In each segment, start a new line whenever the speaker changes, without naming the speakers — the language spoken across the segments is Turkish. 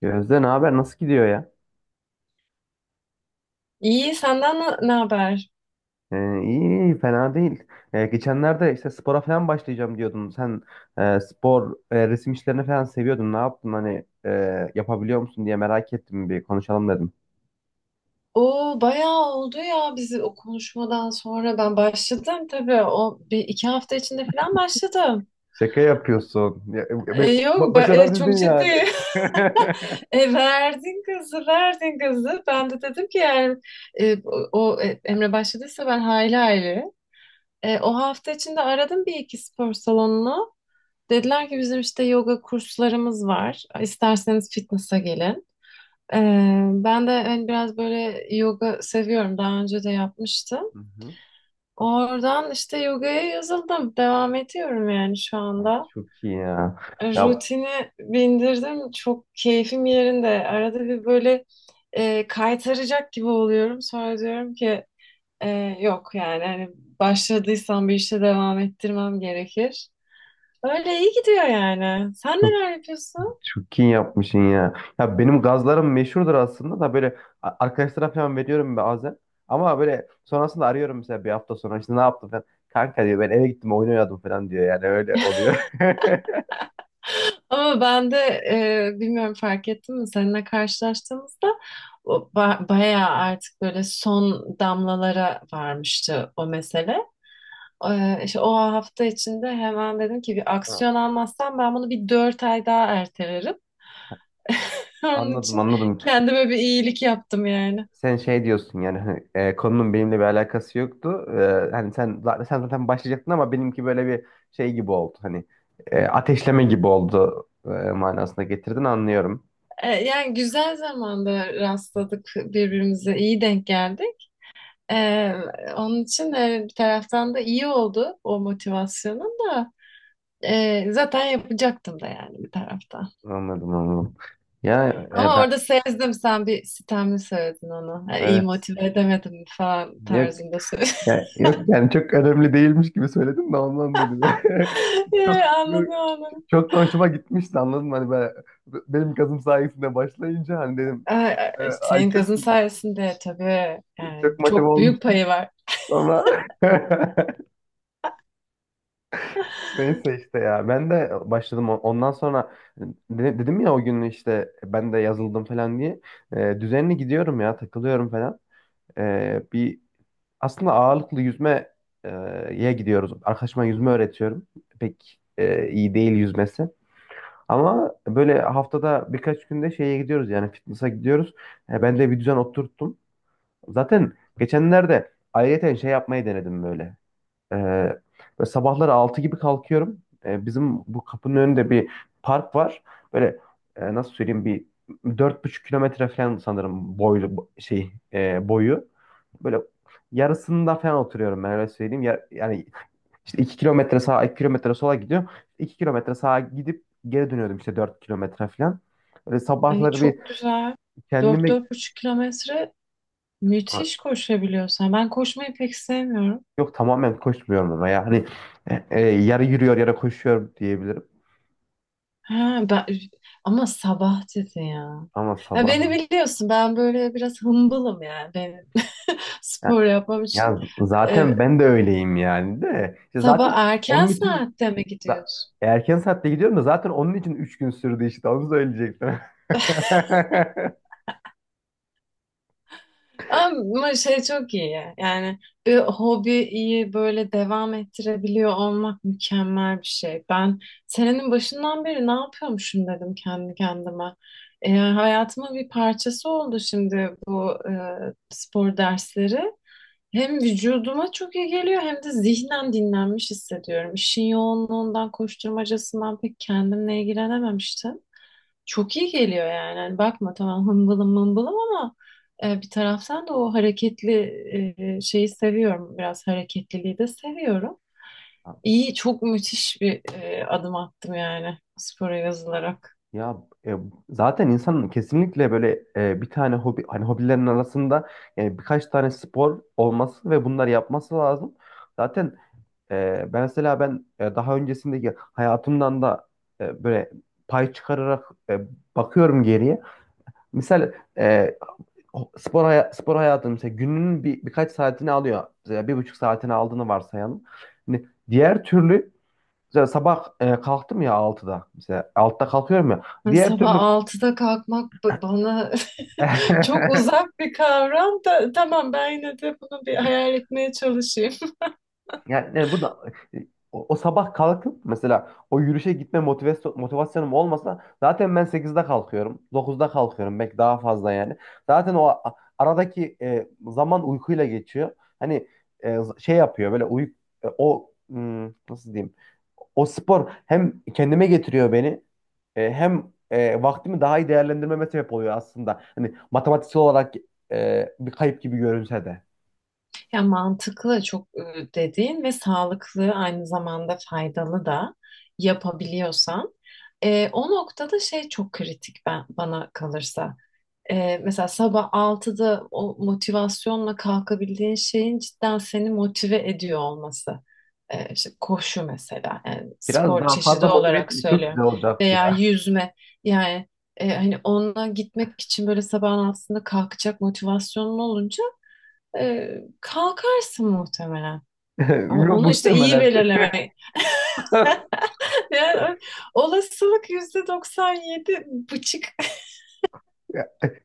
Gözde, ne haber? Nasıl gidiyor ya?
İyi, senden ne haber?
İyi, iyi, fena değil. Geçenlerde işte spora falan başlayacağım diyordun. Sen spor, resim işlerini falan seviyordun. Ne yaptın? Hani, yapabiliyor musun diye merak ettim. Bir konuşalım dedim.
O bayağı oldu ya, bizi o konuşmadan sonra ben başladım tabii, o bir iki hafta içinde falan başladım.
Şaka yapıyorsun. Ya,
E, yok ba- e, çok
başarabildin yani.
ciddi. Verdin kızı, verdin kızı. Ben de dedim ki yani e, o Emre başladıysa ben hayli hayli. O hafta içinde aradım bir iki spor salonunu. Dediler ki bizim işte yoga kurslarımız var. İsterseniz fitness'a gelin. Ben de hani biraz böyle yoga seviyorum. Daha önce de yapmıştım.
Hı hı.
Oradan işte yogaya yazıldım. Devam ediyorum yani şu
Ay,
anda.
çok iyi ya. Ya
Rutini bindirdim. Çok keyfim yerinde. Arada bir böyle kaytaracak gibi oluyorum. Sonra diyorum ki e, yok, yani hani başladıysam bir işe devam ettirmem gerekir. Öyle iyi gidiyor yani. Sen
çok
neler yapıyorsun?
Çok iyi yapmışsın ya. Ya benim gazlarım meşhurdur aslında da böyle arkadaşlara falan veriyorum bazen. Ama böyle sonrasında arıyorum, mesela bir hafta sonra işte ne yaptın falan. Kanka diyor ben eve gittim oyun oynadım falan diyor, yani öyle oluyor.
Ama ben de bilmiyorum, fark ettin mi, seninle karşılaştığımızda o bayağı artık böyle son damlalara varmıştı o mesele. İşte o hafta içinde hemen dedim ki bir
Ha,
aksiyon almazsam ben bunu bir 4 ay daha ertelerim. Onun
anladım,
için
anladım.
kendime bir iyilik yaptım yani.
Sen şey diyorsun yani hani, konunun benimle bir alakası yoktu. E, hani sen zaten başlayacaktın ama benimki böyle bir şey gibi oldu. Hani ateşleme gibi oldu, manasına getirdin, anlıyorum.
Yani güzel zamanda rastladık birbirimize, iyi denk geldik. E, Onun için bir taraftan da iyi oldu o motivasyonun da. Zaten yapacaktım da yani bir tarafta.
Anladım, anladım. Ya e,
Ama
ben
orada sezdim, sen bir sitemli söyledin onu. Yani iyi
evet.
motive edemedim falan tarzında söyledin.
Ya, yok yani, çok önemli değilmiş gibi söyledim de ondan dedim ya. Çok,
Yani anladım onu.
çok da hoşuma gitmişti, anladın mı? Hani ben, benim kazım sayesinde başlayınca hani dedim
Ay, ay,
ay
senin
çok,
kızın sayesinde tabii,
çok
yani
motive
çok büyük
olmuştum
payı var.
sonra. Neyse işte, ya ben de başladım. O- ondan sonra dedim ya, o gün işte ben de yazıldım falan diye. E, düzenli gidiyorum ya, takılıyorum falan. E, bir Aslında ağırlıklı yüzmeye gidiyoruz. Arkadaşıma yüzme öğretiyorum. Pek iyi değil yüzmesi. Ama böyle haftada birkaç günde şeye gidiyoruz, yani fitness'a gidiyoruz. Ben de bir düzen oturttum. Zaten geçenlerde ayrıyeten şey yapmayı denedim böyle. E, böyle sabahları 6 gibi kalkıyorum. Bizim bu kapının önünde bir park var. Böyle, nasıl söyleyeyim, bir 4,5 kilometre falan sanırım boylu şey, boyu. Böyle yarısında falan oturuyorum, ben öyle söyleyeyim. Ya- yani işte 2 kilometre sağa, 2 kilometre sola gidiyorum. 2 kilometre sağa gidip geri dönüyordum işte, 4 kilometre falan. Böyle
Ay,
sabahları bir
çok güzel. Dört,
kendimi.
45 kilometre,
Ha,
müthiş koşabiliyorsan. Ben koşmayı pek sevmiyorum.
yok, tamamen koşmuyorum ama ya hani, yarı yürüyor yarı koşuyor diyebilirim.
Ha, ama sabah dedi ya.
Ama
Ya, beni
sabah,
biliyorsun, ben böyle biraz hımbılım yani, ben spor
ya,
yapmam için.
ya
Ee,
zaten ben de öyleyim yani de. İşte
Sabah
zaten
erken
onun için
saatte mi
za-
gidiyorsun?
erken saatte gidiyorum da, zaten onun için 3 gün sürdü, işte onu söyleyecektim.
Ama şey çok iyi ya. Yani bir hobiyi böyle devam ettirebiliyor olmak mükemmel bir şey. Ben senenin başından beri ne yapıyormuşum dedim kendi kendime. Hayatımın bir parçası oldu şimdi bu spor dersleri. Hem vücuduma çok iyi geliyor, hem de zihnen dinlenmiş hissediyorum. İşin yoğunluğundan, koşturmacasından pek kendimle ilgilenememiştim. Çok iyi geliyor yani. Hani bakma, tamam, hımbılım mımbılım, ama bir taraftan da o hareketli şeyi seviyorum. Biraz hareketliliği de seviyorum. İyi, çok müthiş bir adım attım yani, spora yazılarak.
Ya e, Zaten insanın kesinlikle böyle, bir tane hobi, hani hobilerin arasında yani birkaç tane spor olması ve bunları yapması lazım. Zaten, e, ben mesela ben e, daha öncesindeki hayatımdan da, böyle pay çıkararak, bakıyorum geriye. Misal, spor hayatı mesela gününün bir birkaç saatini alıyor. Mesela bir buçuk saatini aldığını varsayalım. Hani diğer türlü mesela sabah, kalktım ya altıda. Mesela 6'da kalkıyorum ya.
Hani
Diğer
sabah
türlü
altıda kalkmak bana çok uzak bir kavram. Da tamam, ben yine de bunu bir hayal etmeye çalışayım.
Yani, yani bu da, e, o sabah kalkıp mesela o yürüyüşe gitme motivasyonum olmasa zaten ben sekizde kalkıyorum, dokuzda kalkıyorum. Belki daha fazla yani. Zaten o aradaki zaman uykuyla geçiyor. Hani, e, şey yapıyor böyle uy e, o hmm, nasıl diyeyim? O spor hem kendime getiriyor beni, hem vaktimi daha iyi değerlendirmeme sebep oluyor aslında. Hani matematiksel olarak bir kayıp gibi görünse de.
Ya mantıklı çok dediğin ve sağlıklı, aynı zamanda faydalı da yapabiliyorsan. O noktada şey çok kritik, bana kalırsa. Mesela sabah altıda o motivasyonla kalkabildiğin şeyin cidden seni motive ediyor olması. İşte koşu mesela, yani
Biraz
spor
daha
çeşidi
fazla motive
olarak
etseydi çok
söylüyorum,
güzel olacaktı
veya
ya.
yüzme yani, hani onunla gitmek için böyle sabahın altısında kalkacak motivasyonun olunca e, kalkarsın muhtemelen. Onu işte iyi
Muhtemelen.
belirlemek. Yani olasılık %97,5.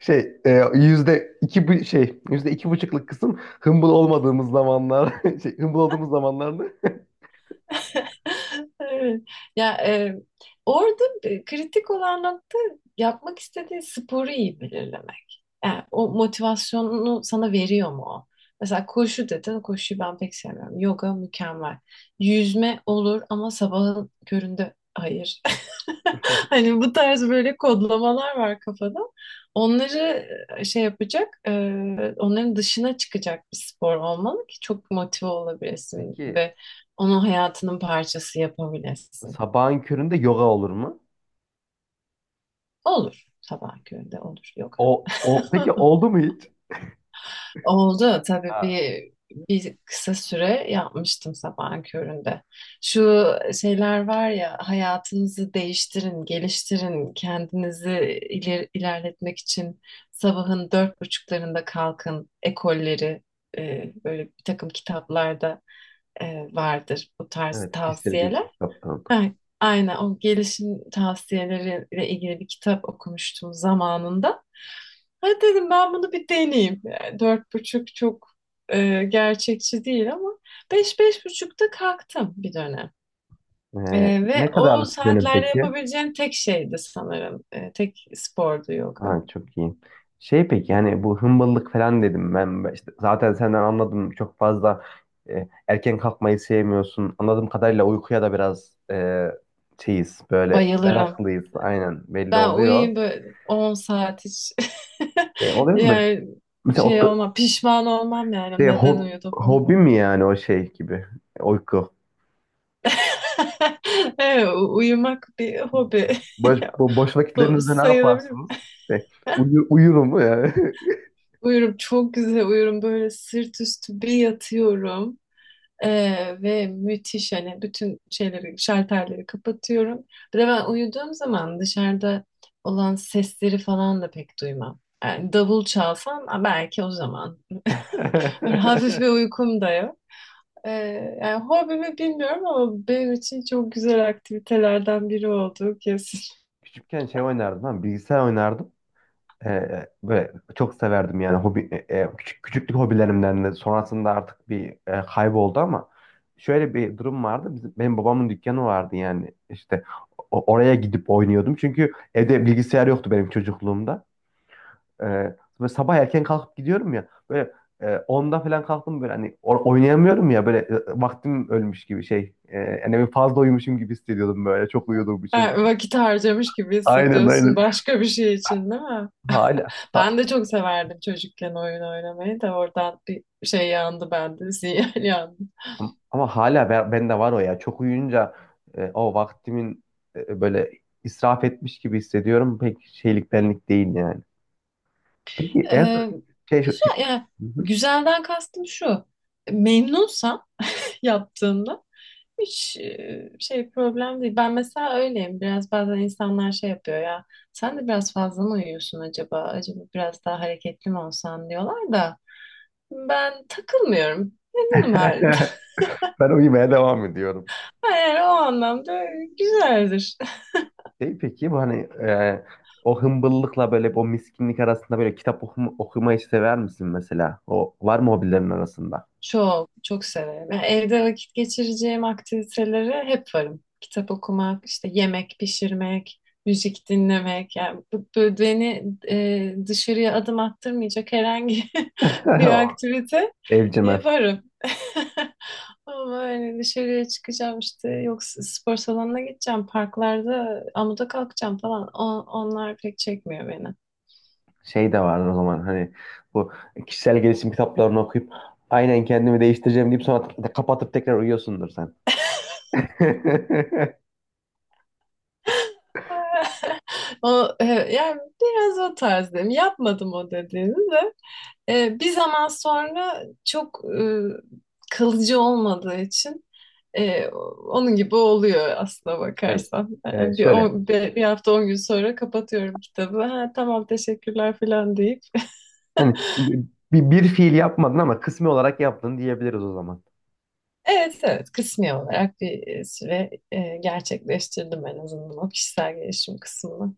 Şey, %2,5'luk kısım humble olmadığımız zamanlar, şey, humble olduğumuz zamanlardı.
Evet. Ya, orada kritik olan nokta, yapmak istediğin sporu iyi belirlemek. Yani o motivasyonunu sana veriyor mu o? Mesela koşu dedin, koşuyu ben pek sevmiyorum. Yoga mükemmel. Yüzme olur ama sabahın köründe hayır. Hani bu tarz böyle kodlamalar var kafada. Onları şey yapacak, onların dışına çıkacak bir spor olmalı ki çok motive olabilesin
Peki,
ve onu hayatının parçası yapabilesin.
sabahın köründe yoga olur mu?
Olur. Sabah köründe olur yoga.
O, o peki oldu mu hiç?
Oldu tabii,
Ha,
bir kısa süre yapmıştım sabahın köründe. Şu şeyler var ya, hayatınızı değiştirin, geliştirin, kendinizi ilerletmek için sabahın dört buçuklarında kalkın ekolleri, böyle bir takım kitaplarda e, vardır bu tarz
evet, kişisel
tavsiyeler.
gelişim kitapları oldu.
Ay- Aynen, o gelişim tavsiyeleriyle ilgili bir kitap okumuştum zamanında. Hadi dedim, ben bunu bir deneyeyim. Yani dört buçuk çok gerçekçi değil, ama beş beş buçukta kalktım bir dönem. E, Ve
Ne kadar
o
dönem
saatlerde
peki?
yapabileceğim tek şeydi sanırım. Tek spordu yoga.
Ha, çok iyi. Şey peki, yani bu hımbalık falan dedim. Ben Ben işte zaten senden anladım çok fazla erken kalkmayı sevmiyorsun. Anladığım kadarıyla uykuya da biraz, şeyiz böyle,
Bayılırım.
meraklıyız, aynen, belli
Ben
oluyor.
uyuyayım böyle 10 saat hiç.
Oluyor mu böyle?
Yani
Mesela o,
şey
da-
olmam, pişman olmam yani,
şey,
neden
ho-
uyudum.
hobi mi yani o şey gibi. Uyku?
Evet, uyumak bir hobi.
Boş
Bu
vakitlerinizde ne
sayılabilir mi?
yaparsınız? Şey, uyurum mu yani.
Uyurum, çok güzel uyurum. Böyle sırt üstü bir yatıyorum. Ve müthiş, hani bütün şeyleri, şalterleri kapatıyorum. Bir de ben uyuduğum zaman dışarıda olan sesleri falan da pek duymam. Yani davul çalsam, ha, belki o zaman. Böyle hafif bir uykum da yok. Ee, Yani hobi mi bilmiyorum, ama benim için çok güzel aktivitelerden biri oldu kesin.
Küçükken şey oynardım, ha, bilgisayar oynardım. E, böyle çok severdim yani. Hobi e, e, küçük küçüklük hobilerimden de sonrasında artık bir kayboldu, ama şöyle bir durum vardı. Bizim, benim babamın dükkanı vardı, yani işte oraya gidip oynuyordum. Çünkü evde bilgisayar yoktu benim çocukluğumda. E, Böyle sabah erken kalkıp gidiyorum ya böyle, 10'da falan kalktım, böyle hani oynayamıyorum ya böyle, vaktim ölmüş gibi şey. Yani bir fazla uyumuşum gibi hissediyordum, böyle çok uyuduğum
Ha,
için.
vakit harcamış gibi
Aynen,
hissediyorsun,
aynen.
başka bir şey için, değil mi?
Hala.
Ben de çok severdim çocukken oyun oynamayı, da oradan bir şey yandı bende, sinyal yandı.
Ama hala ben, bende var o ya. Çok uyuyunca o vaktimin e, böyle israf etmiş gibi hissediyorum. Pek şeylik benlik değil yani. Peki en son
Ee,
şey şu şey-
Güzel yani,
Hı hı.
güzelden kastım şu. Memnunsam yaptığımda, hiç şey problem değil. Ben mesela öyleyim. Biraz bazen insanlar şey yapıyor ya. Sen de biraz fazla mı uyuyorsun acaba? Acaba biraz daha hareketli mi olsan diyorlar da. Ben takılmıyorum. Memnunum halimden.
Ben uyumaya devam ediyorum.
Eğer o anlamda, güzeldir.
Şey peki, bu hani, e, o hımbıllıkla böyle, o miskinlik arasında böyle kitap okumayı sever misin mesela? O var mı hobilerin arasında?
Çok, çok severim. Yani evde vakit geçireceğim aktivitelere hep varım. Kitap okumak, işte yemek pişirmek, müzik dinlemek. Yani bu beni dışarıya adım attırmayacak herhangi bir
O,
aktivite
evcimen.
yaparım. Ama hani dışarıya çıkacağım, işte yok, spor salonuna gideceğim, parklarda amuda kalkacağım falan. Onlar pek çekmiyor beni.
Şey de vardır o zaman hani, bu kişisel gelişim kitaplarını okuyup aynen kendimi değiştireceğim deyip sonra kapatıp tekrar uyuyorsundur sen.
O, yani biraz o tarzdayım. Yapmadım o dediğini de. Bir zaman sonra çok kalıcı olmadığı için e, onun gibi oluyor aslına
Şey,
bakarsan.
şöyle
Hafta 10 gün sonra kapatıyorum kitabı. Ha, tamam, teşekkürler falan deyip
hani, bir fiil yapmadın ama kısmi olarak yaptın diyebiliriz o zaman.
Evet, evet, kısmi olarak bir süre gerçekleştirdim en azından o kişisel gelişim kısmını.